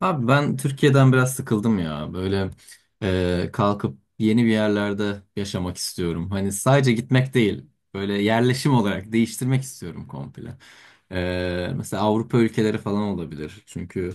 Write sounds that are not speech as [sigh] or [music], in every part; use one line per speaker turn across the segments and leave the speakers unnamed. Abi ben Türkiye'den biraz sıkıldım ya. Böyle kalkıp yeni bir yerlerde yaşamak istiyorum. Hani sadece gitmek değil, böyle yerleşim olarak değiştirmek istiyorum komple. Mesela Avrupa ülkeleri falan olabilir. Çünkü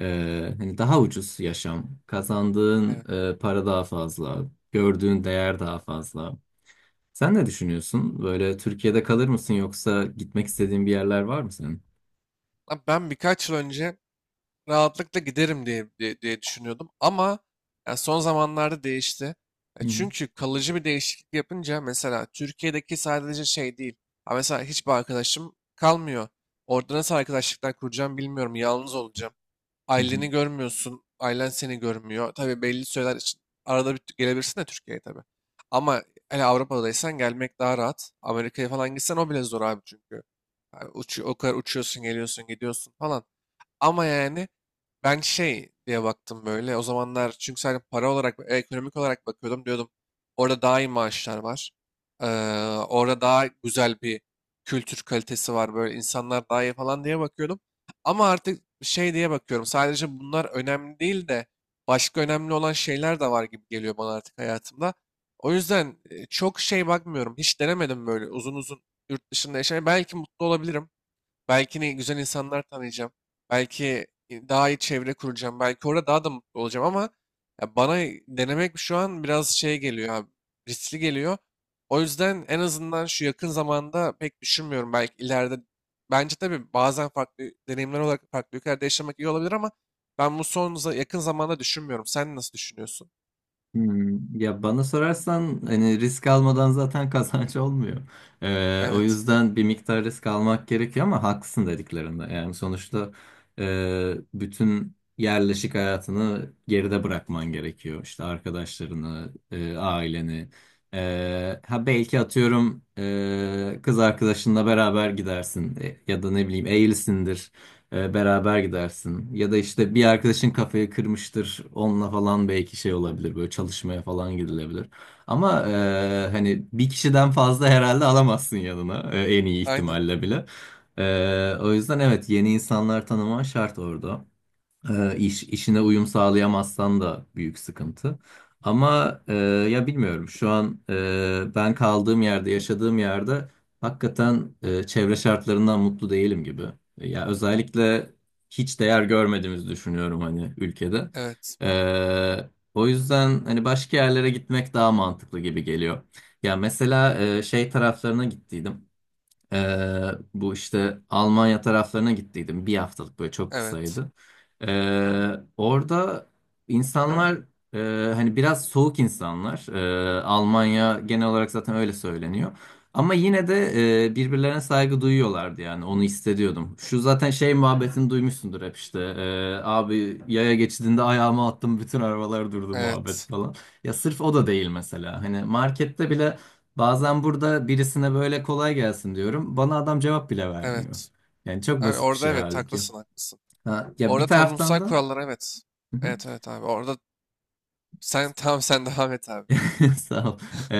hani daha ucuz yaşam, kazandığın
Evet.
para daha fazla, gördüğün değer daha fazla. Sen ne düşünüyorsun? Böyle Türkiye'de kalır mısın yoksa gitmek istediğin bir yerler var mı senin?
Ben birkaç yıl önce rahatlıkla giderim diye düşünüyordum ama yani son zamanlarda değişti. E
Hı
Çünkü kalıcı bir değişiklik yapınca mesela Türkiye'deki sadece şey değil. Ha mesela hiçbir arkadaşım kalmıyor. Orada nasıl arkadaşlıklar kuracağım bilmiyorum. Yalnız olacağım.
hı.
Aileni görmüyorsun. Ailen seni görmüyor. Tabii belli süreler için arada bir gelebilirsin de Türkiye'ye tabii. Ama hele Avrupa'daysan gelmek daha rahat. Amerika'ya falan gitsen o bile zor abi çünkü. Yani o kadar uçuyorsun, geliyorsun, gidiyorsun falan. Ama yani ben şey diye baktım böyle. O zamanlar çünkü sadece para olarak, ekonomik olarak bakıyordum. Diyordum orada daha iyi maaşlar var. Ee, Orada daha güzel bir kültür kalitesi var. Böyle insanlar daha iyi falan diye bakıyordum. Ama artık şey diye bakıyorum. Sadece bunlar önemli değil de başka önemli olan şeyler de var gibi geliyor bana artık hayatımda. O yüzden çok şey bakmıyorum. Hiç denemedim böyle uzun uzun yurt dışında yaşamayı. Belki mutlu olabilirim. Belki ne güzel insanlar tanıyacağım. Belki daha iyi çevre kuracağım. Belki orada daha da mutlu olacağım ama ya bana denemek şu an biraz şey geliyor abi. Riskli geliyor. O yüzden en azından şu yakın zamanda pek düşünmüyorum. Belki ileride bence tabii bazen farklı deneyimler olarak farklı ülkelerde yaşamak iyi olabilir ama ben bu yakın zamanda düşünmüyorum. Sen nasıl düşünüyorsun?
Ya bana sorarsan hani risk almadan zaten [laughs] kazanç olmuyor. O
Evet.
yüzden bir miktar risk almak gerekiyor ama haklısın dediklerinde. Yani sonuçta bütün yerleşik hayatını geride bırakman gerekiyor. İşte arkadaşlarını, aileni. Ha belki atıyorum kız arkadaşınla beraber gidersin. Ya da ne bileyim evlisindir. Beraber gidersin. Ya da işte bir arkadaşın kafayı kırmıştır. Onunla falan belki şey olabilir. Böyle çalışmaya falan gidilebilir. Ama hani bir kişiden fazla herhalde alamazsın yanına. En iyi
Aynen.
ihtimalle bile. O yüzden evet, yeni insanlar tanıman şart orada. İş, işine uyum sağlayamazsan da büyük sıkıntı. Ama ya bilmiyorum, şu an ben kaldığım yerde, yaşadığım yerde hakikaten çevre şartlarından mutlu değilim gibi. Ya özellikle hiç değer görmediğimizi düşünüyorum hani ülkede.
Evet.
O yüzden hani başka yerlere gitmek daha mantıklı gibi geliyor. Ya mesela şey taraflarına gittiydim. Bu işte Almanya taraflarına gittiydim. Bir haftalık böyle, çok
Evet.
kısaydı. Ee, Orada insanlar hani biraz soğuk insanlar. Almanya genel olarak zaten öyle söyleniyor. Ama yine de birbirlerine saygı duyuyorlardı yani, onu hissediyordum. Şu zaten şey muhabbetini duymuşsundur hep işte. Abi yaya geçidinde ayağımı attım, bütün arabalar durdu muhabbet
Evet.
falan. Ya sırf o da değil mesela. Hani markette bile bazen burada birisine böyle kolay gelsin diyorum. Bana adam cevap bile vermiyor.
Evet.
Yani çok
Abi
basit bir
orada
şey
evet
halbuki.
haklısın.
Ha, ya bir
Orada
taraftan
toplumsal
da
kurallar evet. Evet, evet abi. Orada sen [laughs] tamam, sen devam et abi.
[laughs] sağ ol. Ee,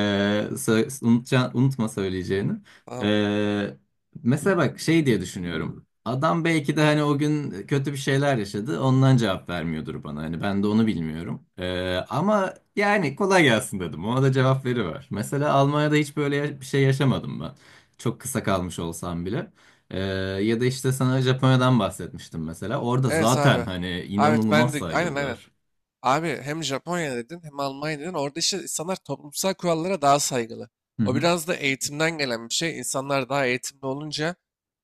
unutma söyleyeceğini.
Tamam.
Ee, Mesela bak şey diye düşünüyorum. Adam belki de hani o gün kötü bir şeyler yaşadı. Ondan cevap vermiyordur bana. Hani ben de onu bilmiyorum. Ama yani kolay gelsin dedim. Ona da cevap veriver. Mesela Almanya'da hiç böyle bir şey yaşamadım ben. Çok kısa kalmış olsam bile. Ee, Ya da işte sana Japonya'dan bahsetmiştim mesela. Orada
Evet abi.
zaten
Abi,
hani
evet ben
inanılmaz
de aynen.
saygılılar.
Abi hem Japonya dedin hem Almanya dedin. Orada işte insanlar toplumsal kurallara daha saygılı.
Hı
O
hı.
biraz da eğitimden gelen bir şey. İnsanlar daha eğitimli olunca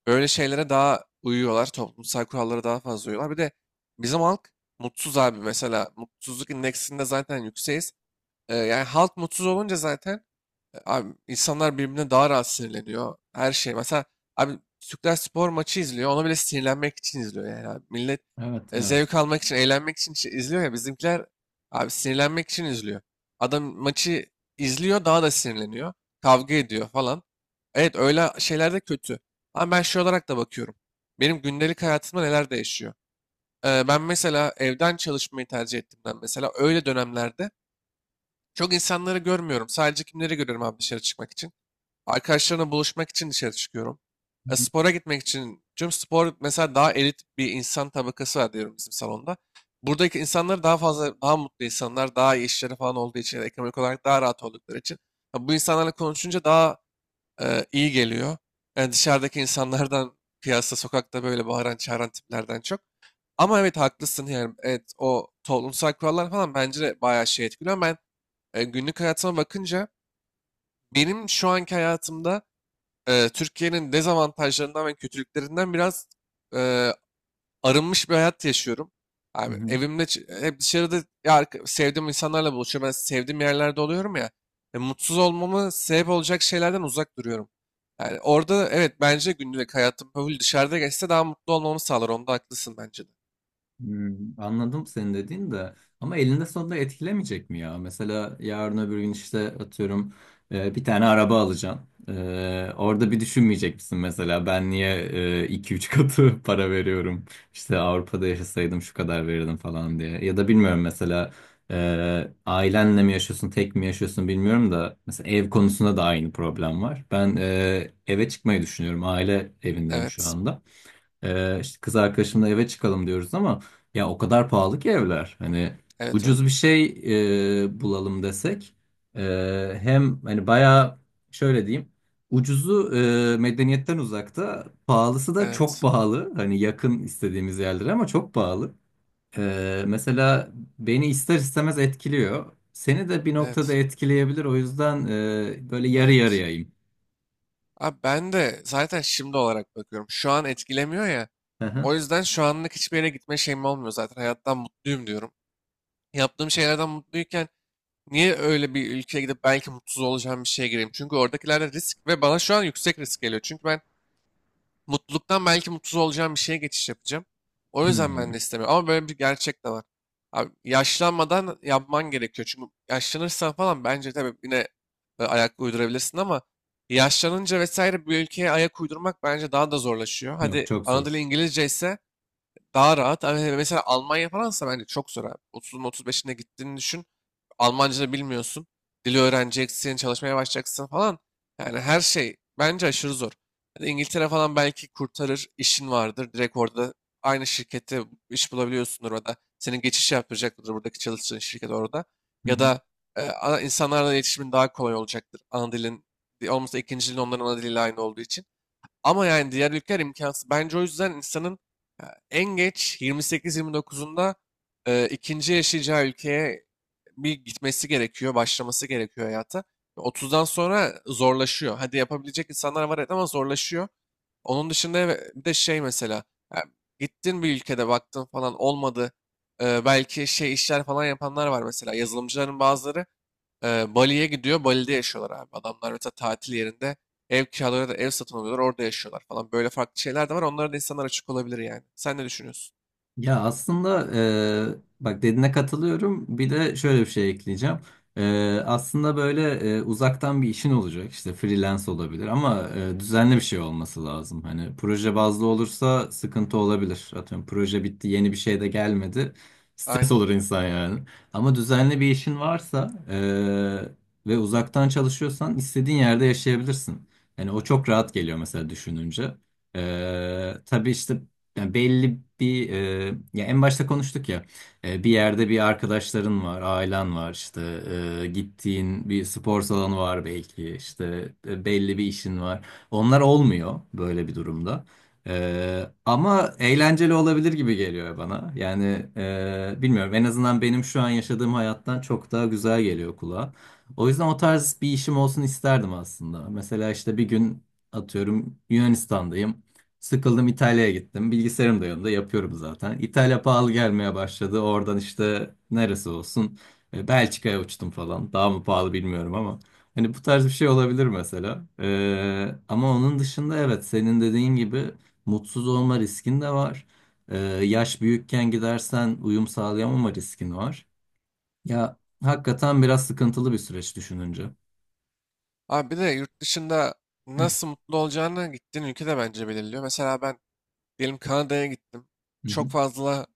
böyle şeylere daha uyuyorlar. Toplumsal kurallara daha fazla uyuyorlar. Bir de bizim halk mutsuz abi mesela. Mutsuzluk indeksinde zaten yükseğiz. Yani halk mutsuz olunca zaten abi insanlar birbirine daha rahat sinirleniyor. Her şey. Mesela abi Türkler spor maçı izliyor. Ona bile sinirlenmek için izliyor yani abi. Millet
Evet, evet.
zevk almak için, eğlenmek için şey izliyor ya. Bizimkiler abi sinirlenmek için izliyor. Adam maçı izliyor daha da sinirleniyor. Kavga ediyor falan. Evet öyle şeyler de kötü. Ama ben şey olarak da bakıyorum. Benim gündelik hayatımda neler değişiyor? Ben mesela evden çalışmayı tercih ettiğimden mesela öyle dönemlerde çok insanları görmüyorum. Sadece kimleri görüyorum abi dışarı çıkmak için? Arkadaşlarımla buluşmak için dışarı çıkıyorum. E, spora gitmek için. Çünkü spor mesela daha elit bir insan tabakası var diyorum bizim salonda. Buradaki insanlar daha fazla, daha mutlu insanlar, daha iyi işleri falan olduğu için, ya da ekonomik olarak daha rahat oldukları için. Ha, bu insanlarla konuşunca daha iyi geliyor. Yani dışarıdaki insanlardan, [laughs] piyasa, sokakta böyle bağıran, çağıran tiplerden çok. Ama evet haklısın yani. Evet o toplumsal kurallar falan bence de bayağı şey etkiliyor. Ben günlük hayatıma bakınca benim şu anki hayatımda Türkiye'nin dezavantajlarından ve kötülüklerinden biraz e, arınmış bir hayat yaşıyorum. Abi evimde hep dışarıda ya, sevdiğim insanlarla buluşuyorum. Ben sevdiğim yerlerde oluyorum ya. E, mutsuz olmamı sebep olacak şeylerden uzak duruyorum. Yani orada evet bence günlük hayatım böyle dışarıda geçse daha mutlu olmamı sağlar. Onda haklısın bence de.
Anladım senin dediğin de, ama elinde sonunda etkilemeyecek mi ya? Mesela yarın öbür gün işte atıyorum bir tane araba alacaksın. Orada bir düşünmeyecek misin mesela, ben niye iki üç katı [laughs] para veriyorum? İşte Avrupa'da yaşasaydım şu kadar verirdim falan diye. Ya da bilmiyorum, mesela ailenle mi yaşıyorsun, tek mi yaşıyorsun bilmiyorum da, mesela ev konusunda da aynı problem var. Ben eve çıkmayı düşünüyorum, aile evindeyim şu
Evet.
anda. İşte kız arkadaşımla eve çıkalım diyoruz ama ya o kadar pahalı ki evler. Hani
Evet öyle.
ucuz bir şey bulalım desek e, hem hani bayağı, şöyle diyeyim, ucuzu medeniyetten uzakta, pahalısı da çok
Evet.
pahalı. Hani yakın istediğimiz yerlere ama çok pahalı. Mesela beni ister istemez etkiliyor. Seni de bir noktada
Evet.
etkileyebilir. O yüzden böyle yarı
Evet.
yarıyayım.
Abi ben de zaten şimdi olarak bakıyorum. Şu an etkilemiyor ya.
Hı
O
hı.
yüzden şu anlık hiçbir yere gitme şeyim olmuyor zaten. Hayattan mutluyum diyorum. Yaptığım şeylerden mutluyken niye öyle bir ülkeye gidip belki mutsuz olacağım bir şeye gireyim? Çünkü oradakilerde risk ve bana şu an yüksek risk geliyor. Çünkü ben mutluluktan belki mutsuz olacağım bir şeye geçiş yapacağım. O yüzden ben de
Hmm.
istemiyorum. Ama böyle bir gerçek de var. Abi, yaşlanmadan yapman gerekiyor. Çünkü yaşlanırsan falan bence tabii yine ayak uydurabilirsin ama yaşlanınca vesaire bir ülkeye ayak uydurmak bence daha da zorlaşıyor.
Yok,
Hadi
çok
ana dili
zor.
İngilizce ise daha rahat. Ama mesela Almanya falansa bence çok zor abi. 30'un 35'ine gittiğini düşün. Almancını bilmiyorsun. Dili öğreneceksin, çalışmaya başlayacaksın falan. Yani her şey bence aşırı zor. Yani İngiltere falan belki kurtarır, işin vardır. Direkt orada aynı şirkette iş bulabiliyorsundur orada. Senin geçiş yapacaktır buradaki çalıştığın şirket orada. Ya da insanlarla iletişimin daha kolay olacaktır. Ana dilin olmasa ikinci dilin onların ana diliyle aynı olduğu için. Ama yani diğer ülkeler imkansız. Bence o yüzden insanın e, en geç 28-29'unda ikinci yaşayacağı ülkeye bir gitmesi gerekiyor, başlaması gerekiyor hayata. 30'dan sonra zorlaşıyor. Hadi yapabilecek insanlar var evet ama zorlaşıyor. Onun dışında bir de şey mesela e, gittin bir ülkede baktın falan olmadı. E, belki şey işler falan yapanlar var mesela yazılımcıların bazıları Bali'ye gidiyor. Bali'de yaşıyorlar abi. Adamlar mesela tatil yerinde ev kiralarıyla da ev satın alıyorlar. Orada yaşıyorlar falan. Böyle farklı şeyler de var. Onlara da insanlar açık olabilir yani. Sen ne düşünüyorsun?
Ya aslında bak dediğine katılıyorum. Bir de şöyle bir şey ekleyeceğim. Aslında böyle uzaktan bir işin olacak. İşte freelance olabilir ama düzenli bir şey olması lazım. Hani proje bazlı olursa sıkıntı olabilir. Atıyorum proje bitti, yeni bir şey de gelmedi. Stres
Aynen.
olur insan yani. Ama düzenli bir işin varsa ve uzaktan çalışıyorsan istediğin yerde yaşayabilirsin. Yani o çok rahat geliyor mesela düşününce. Tabii işte yani belli bir ya en başta konuştuk ya, bir yerde bir arkadaşların var, ailen var, işte gittiğin bir spor salonu var belki, işte belli bir işin var. Onlar olmuyor böyle bir durumda. Ama eğlenceli olabilir gibi geliyor bana. Yani bilmiyorum, en azından benim şu an yaşadığım hayattan çok daha güzel geliyor kulağa. O yüzden o tarz bir işim olsun isterdim aslında. Mesela işte bir gün atıyorum Yunanistan'dayım. Sıkıldım, İtalya'ya gittim. Bilgisayarım da yanımda, yapıyorum zaten. İtalya pahalı gelmeye başladı. Oradan işte neresi olsun, Belçika'ya uçtum falan. Daha mı pahalı bilmiyorum ama. Hani bu tarz bir şey olabilir mesela. Ama onun dışında evet, senin dediğin gibi mutsuz olma riskin de var. Yaş büyükken gidersen uyum sağlayamama riskin var. Ya hakikaten biraz sıkıntılı bir süreç düşününce.
Abi bir de yurt dışında nasıl mutlu olacağını gittiğin ülke de bence belirliyor. Mesela ben diyelim Kanada'ya gittim.
Hı hı.
Çok fazla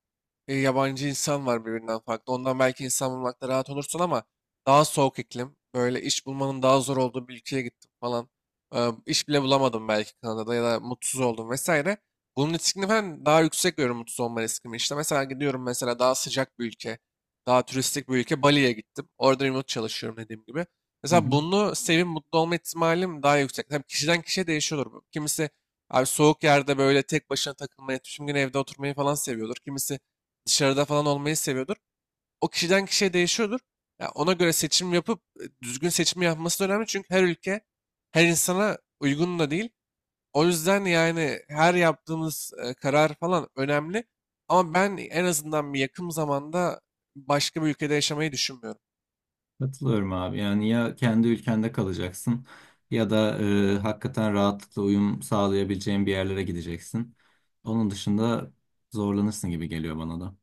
yabancı insan var birbirinden farklı. Ondan belki insan bulmakta rahat olursun ama daha soğuk iklim. Böyle iş bulmanın daha zor olduğu bir ülkeye gittim falan. İş bile bulamadım belki Kanada'da ya da mutsuz oldum vesaire. Bunun riskini ben daha yüksek görüyorum mutsuz olma riskimi. İşte mesela gidiyorum mesela daha sıcak bir ülke, daha turistik bir ülke Bali'ye gittim. Orada remote çalışıyorum dediğim gibi.
Hı
Mesela
hı.
bunu sevip mutlu olma ihtimalim daha yüksek. Tabii kişiden kişiye değişiyordur bu. Kimisi abi soğuk yerde böyle tek başına takılmayı, tüm gün evde oturmayı falan seviyordur. Kimisi dışarıda falan olmayı seviyordur. O kişiden kişiye değişiyordur. Ya ona göre seçim yapıp düzgün seçim yapması da önemli. Çünkü her ülke her insana uygun da değil. O yüzden yani her yaptığımız karar falan önemli. Ama ben en azından bir yakın zamanda başka bir ülkede yaşamayı düşünmüyorum.
Katılıyorum abi. Yani ya kendi ülkende kalacaksın ya da hakikaten rahatlıkla uyum sağlayabileceğin bir yerlere gideceksin. Onun dışında zorlanırsın gibi geliyor bana da.